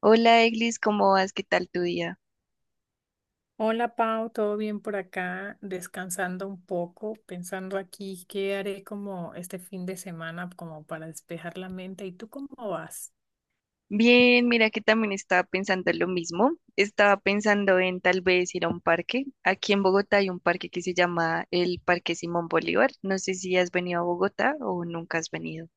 Hola, Eglis, ¿cómo vas? ¿Qué tal tu día? Hola Pau, ¿todo bien por acá? Descansando un poco, pensando aquí qué haré como este fin de semana como para despejar la mente. ¿Y tú cómo vas? Bien, mira que también estaba pensando lo mismo. Estaba pensando en tal vez ir a un parque. Aquí en Bogotá hay un parque que se llama el Parque Simón Bolívar. No sé si has venido a Bogotá o nunca has venido.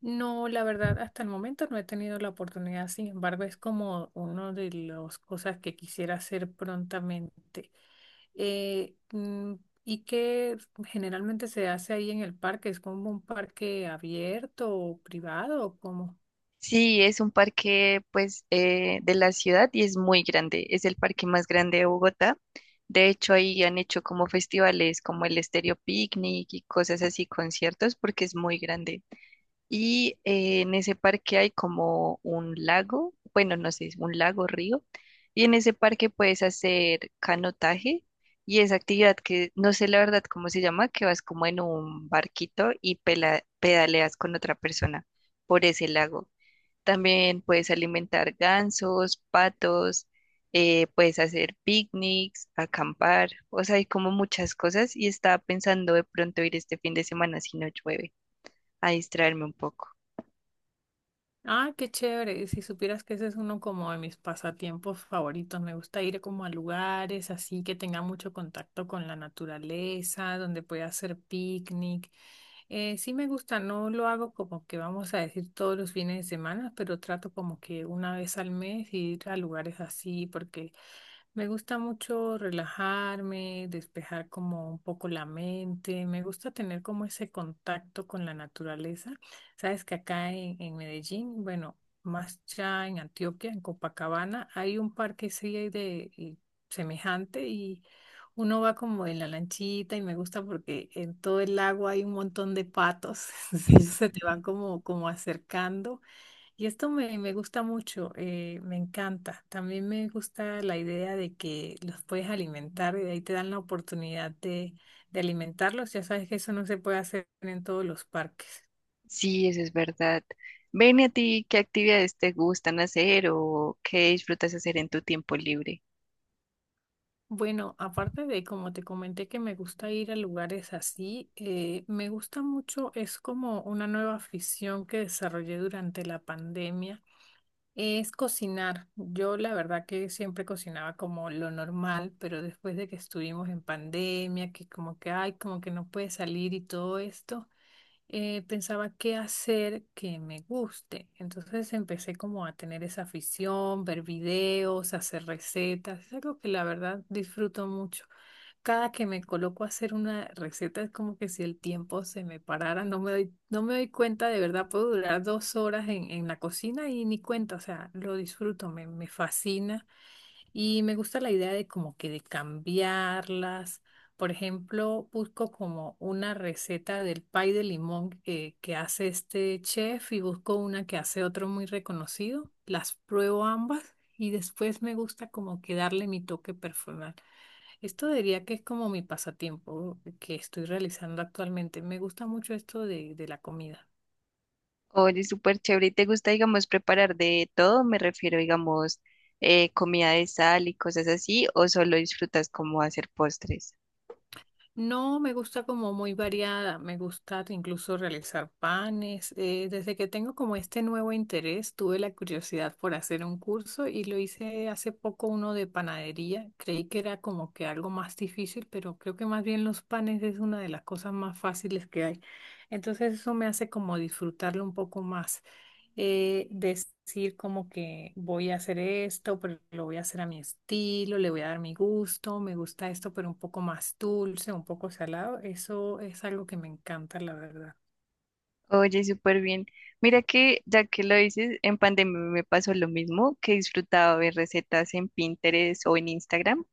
No, la verdad, hasta el momento no he tenido la oportunidad, sin embargo, es como una de las cosas que quisiera hacer prontamente. Eh, mm, ¿Y que generalmente se hace ahí en el parque? ¿Es como un parque abierto o privado o cómo? Sí, es un parque pues de la ciudad y es muy grande. Es el parque más grande de Bogotá. De hecho, ahí han hecho como festivales como el Estéreo Picnic y cosas así, conciertos, porque es muy grande. Y en ese parque hay como un lago, bueno, no sé, un lago, río. Y en ese parque puedes hacer canotaje y esa actividad que no sé la verdad cómo se llama, que vas como en un barquito y pedaleas con otra persona por ese lago. También puedes alimentar gansos, patos, puedes hacer picnics, acampar, o sea, hay como muchas cosas y estaba pensando de pronto ir este fin de semana si no llueve, a distraerme un poco. Ah, qué chévere. Si supieras que ese es uno como de mis pasatiempos favoritos. Me gusta ir como a lugares así que tenga mucho contacto con la naturaleza, donde pueda hacer picnic. Sí me gusta, no lo hago como que vamos a decir todos los fines de semana, pero trato como que una vez al mes ir a lugares así porque me gusta mucho relajarme, despejar como un poco la mente. Me gusta tener como ese contacto con la naturaleza. Sabes que acá en Medellín, bueno, más ya en Antioquia, en Copacabana, hay un parque así de y semejante y uno va como en la lanchita y me gusta porque en todo el lago hay un montón de patos. Entonces ellos se te van como, como acercando. Y esto me gusta mucho, me encanta. También me gusta la idea de que los puedes alimentar y de ahí te dan la oportunidad de alimentarlos. Ya sabes que eso no se puede hacer en todos los parques. Sí, eso es verdad. Ven, ¿y a ti qué actividades te gustan hacer o qué disfrutas hacer en tu tiempo libre? Bueno, aparte de como te comenté que me gusta ir a lugares así, me gusta mucho, es como una nueva afición que desarrollé durante la pandemia. Es cocinar. Yo la verdad que siempre cocinaba como lo normal, pero después de que estuvimos en pandemia, que como que, ay, como que no puede salir y todo esto, pensaba qué hacer que me guste. Entonces empecé como a tener esa afición, ver videos, hacer recetas. Es algo que la verdad disfruto mucho. Cada que me coloco a hacer una receta es como que si el tiempo se me parara, no me doy cuenta, de verdad puedo durar 2 horas en la cocina y ni cuenta, o sea, lo disfruto, me fascina. Y me gusta la idea de como que de cambiarlas. Por ejemplo, busco como una receta del pay de limón que hace este chef y busco una que hace otro muy reconocido. Las pruebo ambas y después me gusta como que darle mi toque personal. Esto diría que es como mi pasatiempo que estoy realizando actualmente. Me gusta mucho esto de la comida. Oye, súper chévere. ¿Y te gusta, digamos, preparar de todo? Me refiero, digamos, comida de sal y cosas así, o solo disfrutas como hacer postres. No, me gusta como muy variada, me gusta incluso realizar panes. Desde que tengo como este nuevo interés, tuve la curiosidad por hacer un curso y lo hice hace poco uno de panadería. Creí que era como que algo más difícil, pero creo que más bien los panes es una de las cosas más fáciles que hay. Entonces eso me hace como disfrutarlo un poco más, decir como que voy a hacer esto, pero lo voy a hacer a mi estilo, le voy a dar mi gusto, me gusta esto, pero un poco más dulce, un poco salado. Eso es algo que me encanta, la verdad. Oye, súper bien. Mira que, ya que lo dices, en pandemia me pasó lo mismo, que disfrutaba ver recetas en Pinterest o en Instagram.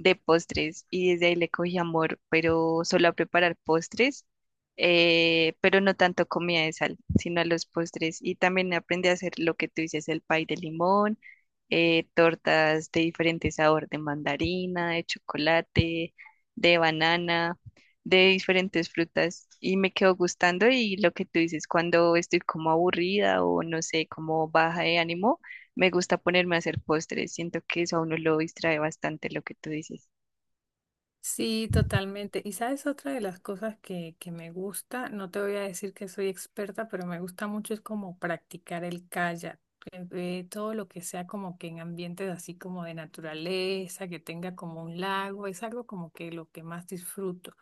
De postres y desde ahí le cogí amor, pero solo a preparar postres, pero no tanto comida de sal, sino a los postres. Y también aprendí a hacer lo que tú dices, el pay de limón, tortas de diferente sabor, de mandarina, de chocolate, de banana, de diferentes frutas. Y me quedó gustando y lo que tú dices, cuando estoy como aburrida o no sé, como baja de ánimo, me gusta ponerme a hacer postres, siento que eso a uno lo distrae bastante, lo que tú dices. Sí, totalmente. Y sabes, otra de las cosas que me gusta, no te voy a decir que soy experta, pero me gusta mucho es como practicar el kayak. Todo lo que sea como que en ambientes así como de naturaleza, que tenga como un lago, es algo como que lo que más disfruto.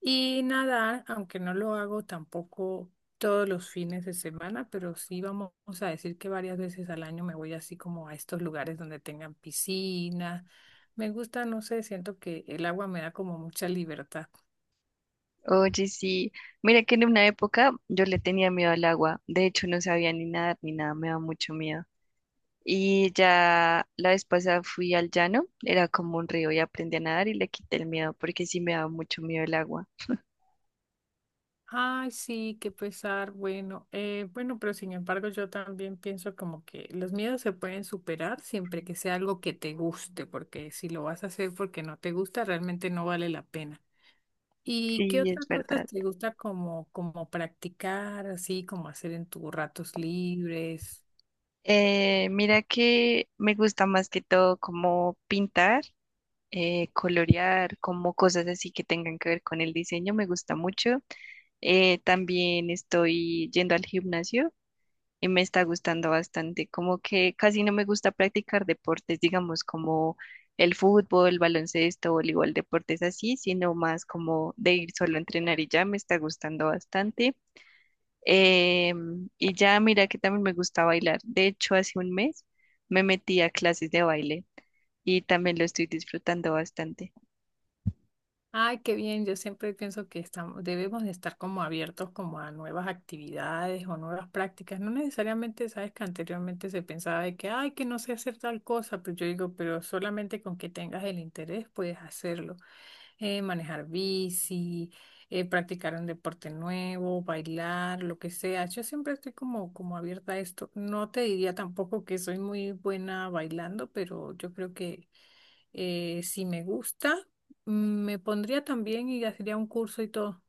Y nadar, aunque no lo hago tampoco todos los fines de semana, pero sí vamos a decir que varias veces al año me voy así como a estos lugares donde tengan piscinas. Me gusta, no sé, siento que el agua me da como mucha libertad. Oye, sí, mira que en una época yo le tenía miedo al agua, de hecho no sabía ni nadar ni nada, me da mucho miedo. Y ya la vez pasada fui al llano, era como un río y aprendí a nadar y le quité el miedo porque sí me daba mucho miedo el agua. Ay, sí, qué pesar. Bueno, bueno, pero sin embargo yo también pienso como que los miedos se pueden superar siempre que sea algo que te guste, porque si lo vas a hacer porque no te gusta, realmente no vale la pena. ¿Y qué Sí, es otras cosas verdad. te gusta como, como practicar, así como hacer en tus ratos libres? Mira que me gusta más que todo como pintar, colorear, como cosas así que tengan que ver con el diseño, me gusta mucho. También estoy yendo al gimnasio y me está gustando bastante. Como que casi no me gusta practicar deportes, digamos, como el fútbol, baloncesto, voleibol, deportes así, sino más como de ir solo a entrenar y ya me está gustando bastante. Y ya mira que también me gusta bailar. De hecho, hace un mes me metí a clases de baile y también lo estoy disfrutando bastante. Ay, qué bien. Yo siempre pienso que estamos, debemos de estar como abiertos como a nuevas actividades o nuevas prácticas. No necesariamente, sabes que anteriormente se pensaba de que, ay, que no sé hacer tal cosa, pero yo digo, pero solamente con que tengas el interés puedes hacerlo. Manejar bici, practicar un deporte nuevo, bailar, lo que sea. Yo siempre estoy como, como abierta a esto. No te diría tampoco que soy muy buena bailando, pero yo creo que, si me gusta, mm, me pondría también y haría un curso y todo.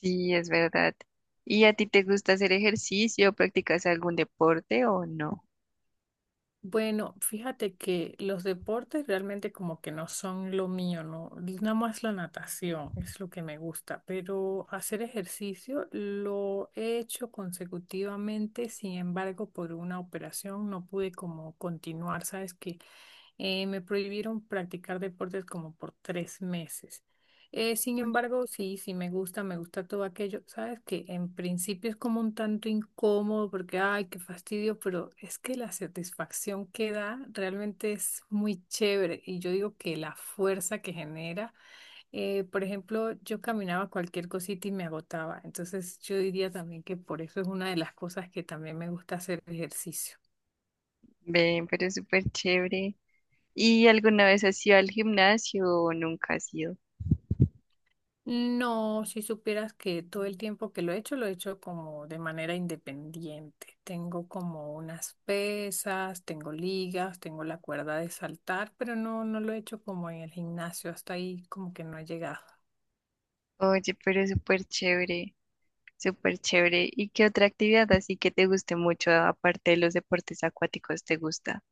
Sí, es verdad. ¿Y a ti te gusta hacer ejercicio? ¿Practicas algún deporte o no? Bueno, fíjate que los deportes realmente como que no son lo mío, ¿no? Nada más la natación es lo que me gusta, pero hacer ejercicio lo he hecho consecutivamente, sin embargo, por una operación no pude como continuar, ¿sabes? Que me prohibieron practicar deportes como por 3 meses. Sin Uy, embargo, sí, sí me gusta todo aquello. Sabes que en principio es como un tanto incómodo porque, ay, qué fastidio, pero es que la satisfacción que da realmente es muy chévere. Y yo digo que la fuerza que genera, por ejemplo, yo caminaba cualquier cosita y me agotaba. Entonces yo diría también que por eso es una de las cosas que también me gusta hacer ejercicio. ven, pero es súper chévere. ¿Y alguna vez has ido al gimnasio o nunca has ido? No, si supieras que todo el tiempo que lo he hecho como de manera independiente. Tengo como unas pesas, tengo ligas, tengo la cuerda de saltar, pero no, no lo he hecho como en el gimnasio, hasta ahí como que no he llegado. Oye, pero es súper chévere. Súper chévere. ¿Y qué otra actividad así que te guste mucho, aparte de los deportes acuáticos, te gusta?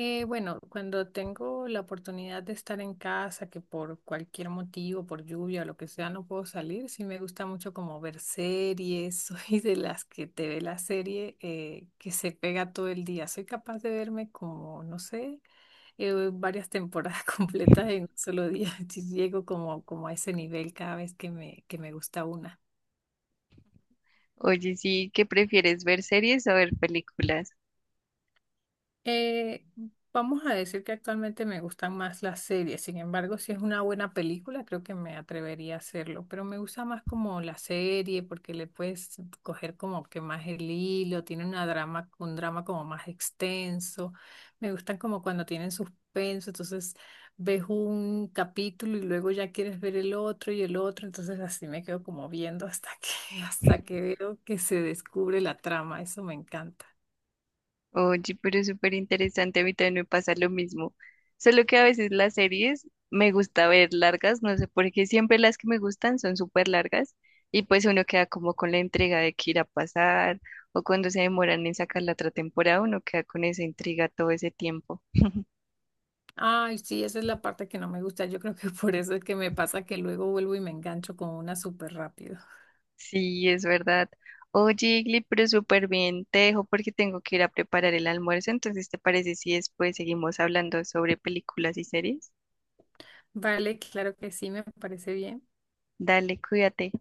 Bueno, cuando tengo la oportunidad de estar en casa, que por cualquier motivo, por lluvia o lo que sea, no puedo salir, sí me gusta mucho como ver series, soy de las que te ve la serie, que se pega todo el día. Soy capaz de verme como, no sé, varias temporadas completas en un solo día. Sí, llego como, como a ese nivel cada vez que me gusta una. Oye, sí, ¿qué prefieres, ver series o ver películas? Eh, Vamos a decir que actualmente me gustan más las series, sin embargo, si es una buena película, creo que me atrevería a hacerlo, pero me gusta más como la serie porque le puedes coger como que más el hilo, tiene una drama, un drama como más extenso, me gustan como cuando tienen suspenso, entonces ves un capítulo y luego ya quieres ver el otro y el otro, entonces así me quedo como viendo hasta que, hasta que veo que se descubre la trama, eso me encanta. Oye, pero es súper interesante, a mí también me pasa lo mismo. Solo que a veces las series me gusta ver largas, no sé por qué siempre las que me gustan son súper largas y pues uno queda como con la entrega de qué irá a pasar o cuando se demoran en sacar la otra temporada, uno queda con esa intriga todo ese tiempo. Ay, sí, esa es la parte que no me gusta. Yo creo que por eso es que me pasa que luego vuelvo y me engancho con una súper rápido. Sí, es verdad. Oye, Igli, pero súper bien, te dejo porque tengo que ir a preparar el almuerzo, entonces ¿te parece si después seguimos hablando sobre películas y series? Vale, claro que sí, me parece bien. Dale, cuídate.